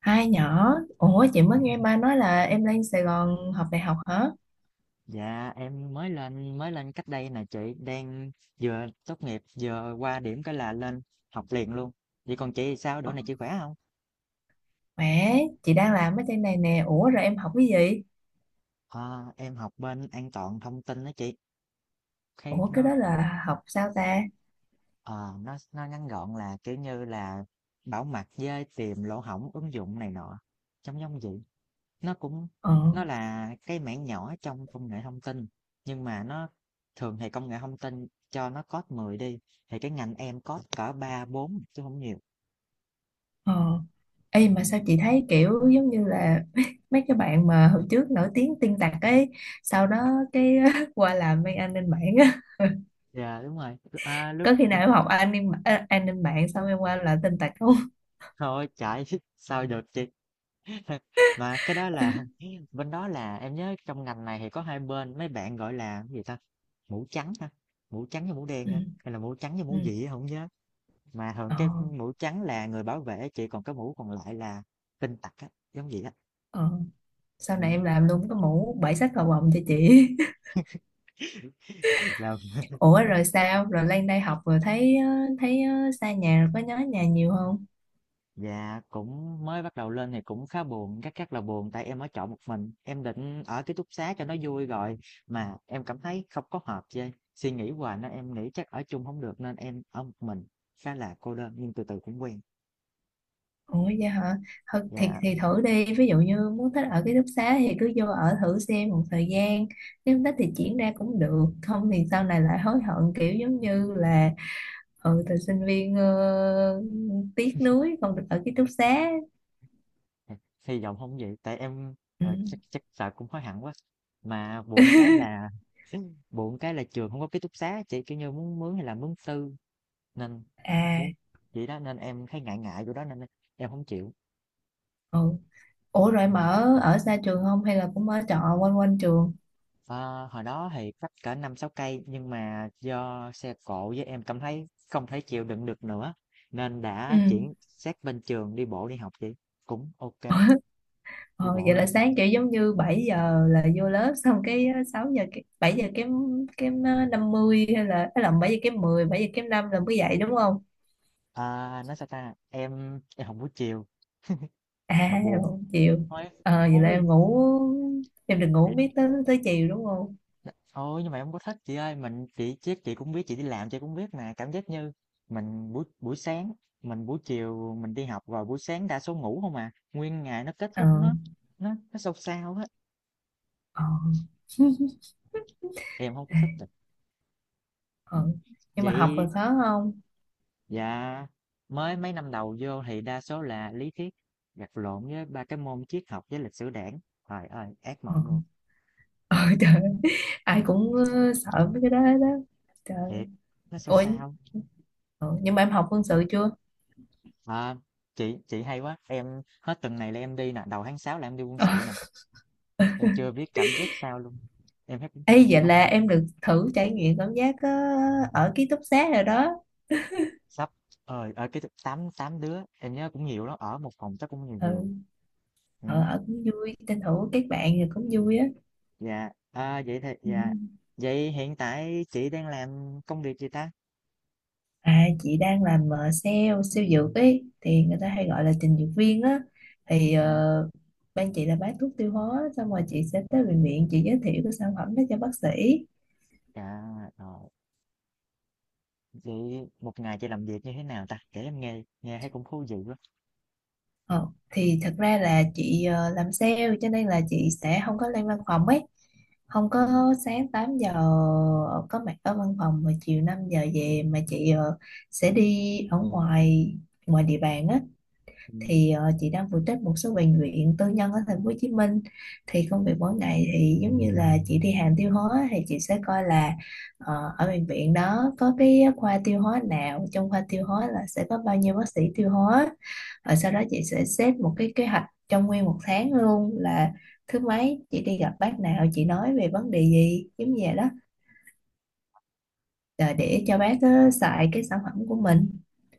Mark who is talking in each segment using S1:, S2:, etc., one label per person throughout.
S1: Hai nhỏ, ủa chị mới nghe ba nói là em lên Sài Gòn học đại học hả?
S2: Dạ em mới lên cách đây nè chị đang vừa tốt nghiệp vừa qua điểm cái là lên học liền luôn. Vậy còn chị thì sao? Đỗ này chị khỏe không?
S1: Mẹ, chị đang làm ở trên này nè, ủa rồi em học cái gì?
S2: Ờ, em học bên an toàn thông tin đó chị. Khi
S1: Ủa cái
S2: nó
S1: đó là học sao ta?
S2: ờ, nó ngắn gọn là kiểu như là bảo mật với tìm lỗ hổng ứng dụng này nọ. Trong giống giống vậy. Nó cũng
S1: Ờ,
S2: nó là cái mảng nhỏ trong công nghệ thông tin nhưng mà thường thì công nghệ thông tin cho nó code 10 đi thì cái ngành em code cỡ 3 4 chứ không nhiều.
S1: ờ. Ê
S2: Ừ.
S1: mà sao chị thấy kiểu giống như là mấy cái bạn mà hồi trước nổi tiếng tin tặc ấy, sau đó cái qua làm bên an ninh mạng á.
S2: Dạ đúng rồi, à, lúc
S1: Có
S2: đó
S1: khi
S2: cũng
S1: nào em học an ninh mạng xong em qua làm tin tặc không?
S2: thôi chạy sao được chị mà cái đó là bên đó là em nhớ trong ngành này thì có hai bên mấy bạn gọi là cái gì ta mũ trắng ha mũ trắng với mũ đen
S1: Ừ,
S2: ha hay là mũ trắng với
S1: ừ,
S2: mũ gì á, không nhớ mà thường
S1: ờ,
S2: cái mũ trắng là người bảo vệ chị còn cái mũ còn lại là tin tặc á giống vậy á
S1: ờ. Sau này
S2: ừ.
S1: em làm luôn cái mũ bảy sắc cầu vồng cho chị.
S2: Là
S1: Ủa rồi sao? Rồi lên đây học rồi thấy xa nhà rồi có nhớ nhà nhiều không?
S2: dạ cũng mới bắt đầu lên thì cũng khá buồn, rất rất là buồn tại em ở trọ một mình, em định ở ký túc xá cho nó vui rồi mà em cảm thấy không có hợp với suy nghĩ hoài nên em nghĩ chắc ở chung không được nên em ở một mình khá là cô đơn nhưng từ từ cũng quen.
S1: Ủa vậy hả? Thôi, Thì
S2: Dạ
S1: thì thử đi, ví dụ như muốn thích ở ký túc xá thì cứ vô ở thử xem một thời gian. Nếu không thích thì chuyển ra cũng được, không thì sau này lại hối hận kiểu giống như là từ sinh viên tiếc nuối không được ở ký túc xá.
S2: hy vọng không vậy tại em
S1: Ừ.
S2: chắc chắc sợ cũng hối hận quá. Mà buồn cái là buồn cái là trường không có ký túc xá chị kiểu như muốn mướn hay là mướn tư nên
S1: À,
S2: muốn vậy đó nên em thấy ngại ngại chỗ đó nên em không chịu.
S1: ừ. Ủa rồi mà ở ở xa trường không hay là cũng ở trọ quanh quanh trường?
S2: Ờ, hồi đó thì cắt cỡ 5-6 cây nhưng mà do xe cộ với em cảm thấy không thể chịu đựng được nữa nên
S1: Ừ.
S2: đã chuyển sát bên trường đi bộ đi học chị cũng ok đi
S1: Ờ,
S2: bộ
S1: vậy là
S2: luôn
S1: sáng kiểu giống như 7 giờ là vô lớp, xong cái 6 giờ cái 7 giờ kém kém 50 hay là 7 giờ kém năm là mới dậy đúng không?
S2: à, nói sao ta em học buổi chiều
S1: À,
S2: mà buồn
S1: một chiều.
S2: thôi
S1: Ờ vậy là
S2: thôi
S1: em ngủ em được ngủ
S2: thì,
S1: miết tới tới chiều đúng không?
S2: thôi nhưng mà em không có thích chị ơi mình chị chứ chị cũng biết chị đi làm chị cũng biết mà cảm giác như mình buổi buổi sáng mình buổi chiều mình đi học rồi buổi sáng đa số ngủ không à nguyên ngày nó kết
S1: Ờ
S2: thúc nó sâu sao á
S1: ờ
S2: em không có
S1: ê,
S2: thích.
S1: ờ
S2: Ừm,
S1: nhưng mà học là
S2: vậy
S1: khó không?
S2: dạ mới mấy năm đầu vô thì đa số là lý thuyết gặt lộn với ba cái môn triết học với lịch sử đảng trời ơi ác
S1: Ờ
S2: mộng luôn
S1: ờ trời ơi, ai cũng sợ mấy cái đó đó. Trời
S2: thiệt nó sao
S1: ơi.
S2: sao
S1: Ủa nhưng mà em học quân sự chưa?
S2: à, chị hay quá em hết tuần này là em đi nè đầu tháng 6 là em đi quân sự nè em chưa biết cảm giác sao luôn em hết
S1: Ê, vậy
S2: không
S1: là em được thử trải nghiệm cảm giác ở ký túc xá rồi đó.
S2: sắp ở cái 88 đứa em nhớ cũng nhiều đó ở một phòng chắc cũng nhiều
S1: ừ,
S2: nhiều ừ,
S1: ở cũng vui, tranh thủ kết bạn rồi cũng vui á.
S2: dạ à, vậy thì
S1: Ừ.
S2: dạ vậy hiện tại chị đang làm công việc gì ta
S1: À, chị đang làm sale sale dược ấy thì người ta hay gọi là trình dược viên á. Thì
S2: à
S1: ban chị là bán thuốc tiêu hóa, xong rồi chị sẽ tới bệnh viện chị giới thiệu cái sản phẩm đó cho bác sĩ.
S2: À, rồi. Vậy một ngày chị làm việc như thế nào ta? Kể em nghe, nghe thấy cũng thú vị quá.
S1: Ờ, thì thật ra là chị làm sale cho nên là chị sẽ không có lên văn phòng ấy, không
S2: Ừ,
S1: có sáng 8 giờ có mặt ở văn phòng mà chiều 5 giờ về, mà chị sẽ đi ở ngoài ngoài địa bàn á.
S2: ừ.
S1: Thì chị đang phụ trách một số bệnh viện tư nhân ở thành phố Hồ Chí Minh. Thì công việc mỗi ngày thì giống như là chị đi hàng tiêu hóa thì chị sẽ coi là ở bệnh viện đó có cái khoa tiêu hóa nào, trong khoa tiêu hóa là sẽ có bao nhiêu bác sĩ tiêu hóa, rồi sau đó chị sẽ xếp một cái kế hoạch trong nguyên một tháng luôn, là thứ mấy chị đi gặp bác nào, chị nói về vấn đề gì, giống như vậy đó. Ờ, để cho bác xài cái sản phẩm của mình,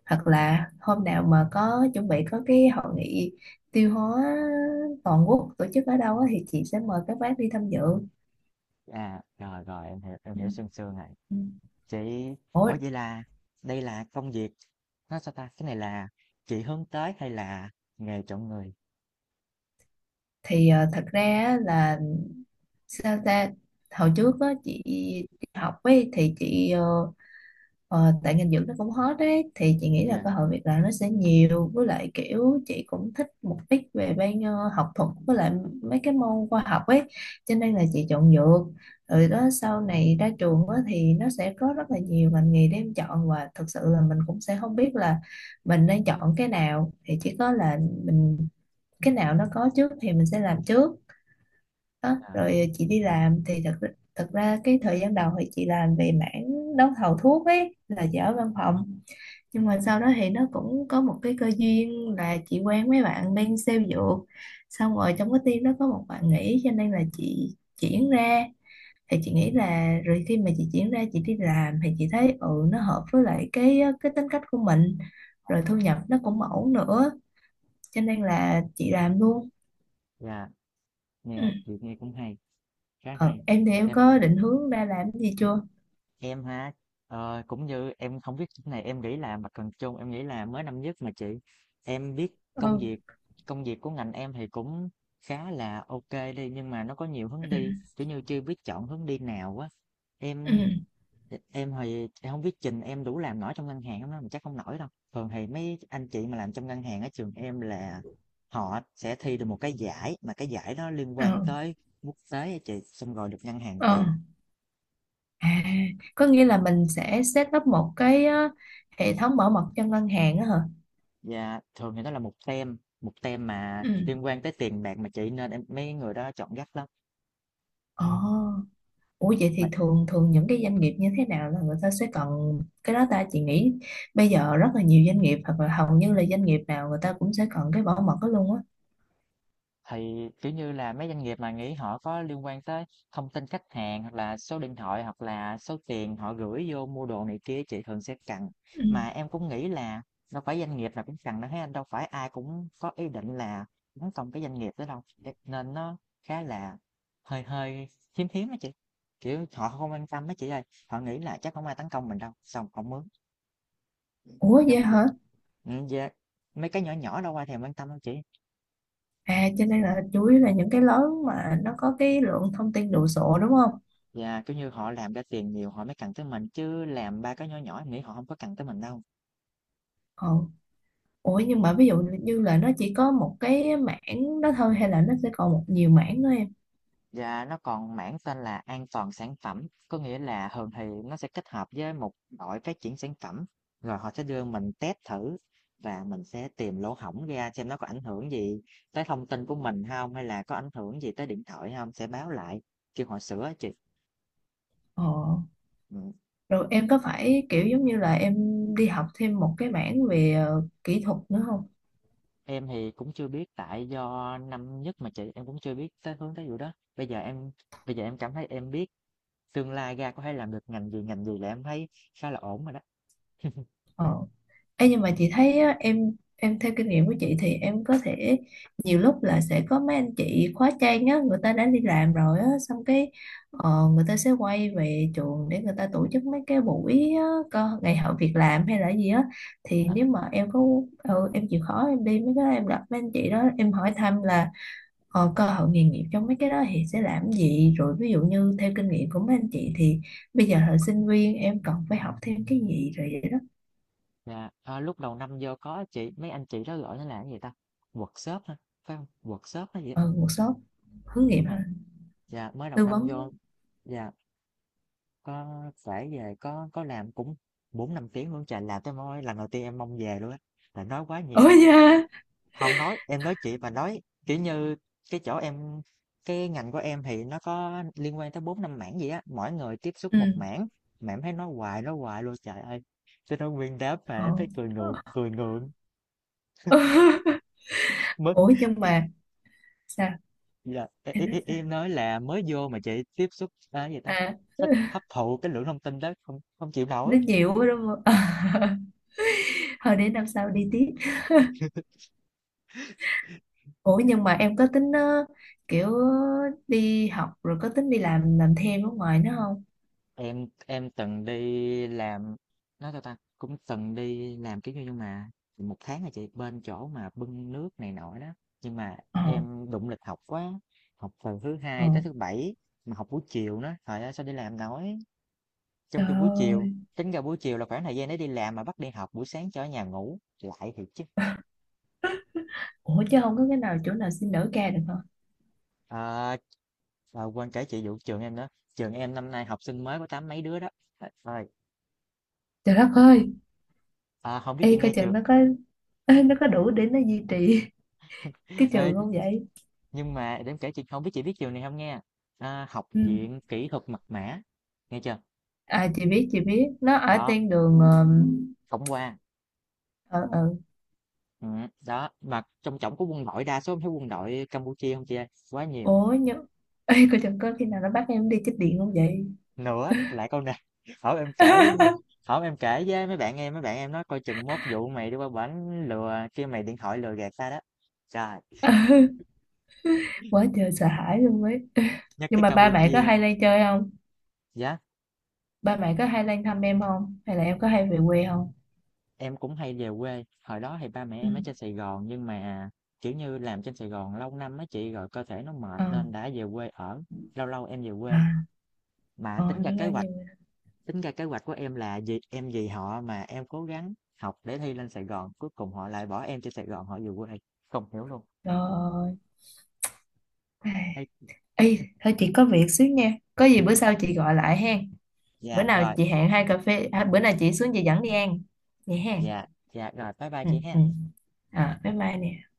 S1: hoặc
S2: ừ. À,
S1: là hôm nào mà có chuẩn bị có cái hội nghị tiêu hóa toàn quốc tổ chức ở đâu á, thì chị sẽ mời các bác đi tham dự.
S2: à, rồi rồi em
S1: Ừ.
S2: hiểu sương sương này.
S1: Ừ.
S2: Chị,
S1: Ủa,
S2: ủa vậy là đây là công việc nó sao ta? Cái này là chị hướng tới hay là nghề chọn người?
S1: thì thật ra á là sao ta, hồi trước á, chị đi học ấy, thì chị tại ngành dưỡng nó cũng hot đấy, thì chị nghĩ là
S2: Dạ,
S1: cơ hội việc làm nó sẽ nhiều, với lại kiểu chị cũng thích một ít về bên học thuật với lại mấy cái môn khoa học ấy, cho nên là chị chọn dược. Rồi đó sau này ra trường á, thì nó sẽ có rất là nhiều ngành nghề để em chọn, và thực sự là mình cũng sẽ không biết là mình nên chọn cái nào, thì chỉ có là mình cái nào nó có trước thì mình sẽ làm trước. Đó
S2: à,
S1: rồi chị đi làm thì thật thật ra cái thời gian đầu thì chị làm về mảng đấu thầu thuốc ấy là chị ở văn phòng. Nhưng mà sau đó thì nó cũng có một cái cơ duyên là chị quen mấy bạn bên sale dược, xong rồi trong cái team đó có một bạn nghỉ cho nên là chị chuyển ra. Thì chị nghĩ là rồi khi mà chị chuyển ra chị đi làm thì chị thấy nó hợp với lại cái tính cách của mình, rồi thu nhập nó cũng ổn nữa, cho nên là chị làm luôn.
S2: dạ,
S1: Ừ.
S2: nghe chị nghe cũng hay, khá
S1: Ờ,
S2: hay.
S1: em thì em
S2: Em
S1: có định hướng ra làm cái gì chưa?
S2: Em ha, cũng như em không biết chỗ này em nghĩ là mặt bằng chung em nghĩ là mới năm nhất mà chị em biết công
S1: Ừ,
S2: việc công việc của ngành em thì cũng khá là ok đi nhưng mà nó có nhiều hướng đi kiểu như chưa biết chọn hướng đi nào á
S1: ừ,
S2: em em thì em không biết trình em đủ làm nổi trong ngân hàng không đó mà chắc không nổi đâu thường thì mấy anh chị mà làm trong ngân hàng ở trường em là họ sẽ thi được một cái giải mà cái giải đó liên
S1: ừ,
S2: quan tới quốc tế á chị xong rồi được ngân hàng
S1: ừ.
S2: tuyển.
S1: À, có nghĩa là mình sẽ set up một cái hệ thống bảo mật cho ngân hàng á hả?
S2: Dạ, thường thì đó là một tem mà
S1: Ừ.
S2: liên quan tới tiền bạc mà chị, nên em mấy người đó chọn gắt lắm.
S1: Ồ. Ủa vậy
S2: Mà
S1: thì thường thường những cái doanh nghiệp như thế nào là người ta sẽ cần cái đó ta, chị nghĩ bây giờ rất là nhiều doanh nghiệp hoặc là hầu như là doanh nghiệp nào người ta cũng sẽ cần cái bảo mật đó luôn á.
S2: thì kiểu như là mấy doanh nghiệp mà nghĩ họ có liên quan tới thông tin khách hàng hoặc là số điện thoại hoặc là số tiền họ gửi vô mua đồ này kia chị thường sẽ cần.
S1: Ừ.
S2: Mà em cũng nghĩ là đâu phải doanh nghiệp nào cũng cần đâu thấy anh đâu phải ai cũng có ý định là tấn công cái doanh nghiệp đó đâu. Thế nên nó khá là hơi hơi hiếm hiếm đó chị. Kiểu họ không quan tâm đó chị ơi, họ nghĩ là chắc không ai tấn công mình đâu, xong không mướn. Ừm,
S1: Ủa
S2: giống
S1: vậy
S2: vậy.
S1: hả?
S2: Dạ, mấy cái nhỏ nhỏ đâu ai thèm quan tâm đâu chị.
S1: À, cho nên là chủ yếu là những cái lớn mà nó có cái lượng thông tin đồ sộ đúng không?
S2: Dạ, kiểu như, họ làm ra tiền nhiều họ mới cần tới mình, chứ làm ba cái nhỏ nhỏ em nghĩ họ không có cần tới mình đâu.
S1: Ừ. Ủa nhưng mà ví dụ như là nó chỉ có một cái mảng đó thôi hay là nó sẽ còn một nhiều mảng nữa em?
S2: Dạ, nó còn mảng tên là an toàn sản phẩm, có nghĩa là thường thì nó sẽ kết hợp với một đội phát triển sản phẩm, rồi họ sẽ đưa mình test thử và mình sẽ tìm lỗ hổng ra xem nó có ảnh hưởng gì tới thông tin của mình không hay là có ảnh hưởng gì tới điện thoại không, sẽ báo lại, kêu họ sửa á chị.
S1: Ờ.
S2: Ừm.
S1: Rồi em có phải kiểu giống như là em đi học thêm một cái mảng về kỹ thuật nữa không?
S2: Em thì cũng chưa biết tại do năm nhất mà chị em cũng chưa biết tới hướng tới vụ đó. Bây giờ em bây giờ em cảm thấy em biết tương lai ra có thể làm được ngành gì là em thấy khá là ổn rồi đó.
S1: Ờ. Ê, nhưng mà chị thấy á, em theo kinh nghiệm của chị thì em có thể nhiều lúc là sẽ có mấy anh chị khóa trang á, người ta đã đi làm rồi á, xong cái người ta sẽ quay về trường để người ta tổ chức mấy cái buổi á, ngày hội việc làm hay là gì á. Thì
S2: À,
S1: nếu mà em có em chịu khó em đi mấy cái đó, em gặp mấy anh chị đó em hỏi thăm là cơ hội nghề nghiệp trong mấy cái đó thì sẽ làm gì, rồi ví dụ như theo kinh nghiệm của mấy anh chị thì bây giờ là sinh viên em cần phải học thêm cái gì, rồi vậy đó.
S2: dạ. Ờ, lúc đầu năm vô có chị mấy anh chị đó gọi nó là cái gì ta? Workshop hả? Phải không? Workshop hay gì? Á?
S1: Ừ, workshop hướng nghiệp
S2: Đúng rồi.
S1: hả?
S2: Dạ mới đầu
S1: Tư
S2: năm
S1: vấn.
S2: vô dạ có phải về có làm cũng 4-5 tiếng luôn trời làm tới môi lần đầu tiên em mong về luôn á. Là nói quá
S1: Ủa
S2: nhiều.
S1: da.
S2: Không nói, em nói chị bà nói, kiểu như, cái chỗ em cái ngành của em thì nó có liên quan tới bốn năm mảng gì á, mỗi người tiếp xúc
S1: Ừ,
S2: một mảng, mà em thấy nói hoài luôn, trời ơi! Cho nên nguyên đám mà em
S1: họ.
S2: thấy cười ngượng, mất
S1: Ủa nhưng mà sao
S2: là e e
S1: em nói
S2: e
S1: sao,
S2: em nói là mới vô mà chị tiếp xúc, a, cái gì ta,
S1: à
S2: thích hấp thụ cái lượng thông tin đó không không chịu
S1: nó
S2: nổi.
S1: nhiều quá đúng không? Thôi để năm sau đi tiếp. Ủa nhưng mà em có tính kiểu đi học rồi có tính đi làm thêm ở ngoài nữa không?
S2: Em từng đi làm nói sao ta cũng từng đi làm kiểu như nhưng mà một tháng là chị bên chỗ mà bưng nước này nọ đó nhưng mà
S1: ờ
S2: em đụng lịch học quá học từ thứ
S1: ờ
S2: hai tới thứ bảy mà học buổi chiều nữa trời ơi sao đi làm nổi trong
S1: trời
S2: khi buổi chiều
S1: ơi.
S2: tính ra buổi chiều là khoảng thời gian để đi làm mà bắt đi học buổi sáng cho ở nhà ngủ lại thì chứ
S1: Ủa chứ không có cái nào chỗ nào xin đỡ ca được hả?
S2: à, à, quên kể chị vụ trường em nữa trường em năm nay học sinh mới có tám mấy đứa đó. Trời
S1: Trời đất ơi.
S2: à, không biết chị
S1: Y coi
S2: nghe chưa.
S1: chừng nó có nó có đủ để nó duy trì cái
S2: Ê,
S1: trường không vậy?
S2: nhưng mà để em kể chị, không biết chị biết trường này không nha, a, Học
S1: Ừ.
S2: viện Kỹ thuật Mật mã, nghe chưa?
S1: À, chị biết nó ở
S2: Đó,
S1: tên đường
S2: tổng quan,
S1: ở ở.
S2: đó, mà trong trỏng của quân đội, đa số em thấy quân đội Campuchia không chị ơi, quá nhiều.
S1: Ối nhớ. Ê, cô chẳng có khi nào nó bắt em đi chích điện không vậy?
S2: Nữa lại câu này hổm em kể hổm em kể với mấy bạn em nói coi chừng mốt vụ mày đi qua bển lừa kêu mày điện thoại lừa gạt ta đó. Trời,
S1: Quá trời sợ hãi luôn ấy.
S2: nhắc
S1: Nhưng
S2: tới
S1: mà ba mẹ có
S2: Campuchia,
S1: hay lên chơi không?
S2: yeah.
S1: Ba mẹ có hay lên thăm em không hay là em có hay về quê không?
S2: Em cũng hay về quê, hồi đó thì ba mẹ
S1: Ừ.
S2: em ở trên Sài Gòn nhưng mà, kiểu như, làm trên Sài Gòn lâu năm á chị rồi cơ thể nó mệt
S1: Ờ.
S2: nên đã về quê ở, lâu lâu em về quê.
S1: À.
S2: Mà
S1: ờ
S2: tính ra
S1: nó
S2: kế
S1: nói
S2: hoạch,
S1: nhiều rồi.
S2: tính ra kế hoạch của em là gì? Em vì họ mà em cố gắng học để thi lên Sài Gòn, cuối cùng họ lại bỏ em trên Sài Gòn họ về quê. Không hiểu luôn. Hay.
S1: Ê, thôi chị có việc xíu nha, có gì bữa sau chị gọi lại hen. Bữa
S2: Dạ
S1: nào
S2: rồi,
S1: chị hẹn hai cà phê, à bữa nào chị xuống chị dẫn đi ăn vậy hen.
S2: dạ, dạ rồi, bye bye
S1: Ừ,
S2: chị ha.
S1: ừ. À, bye bye nè.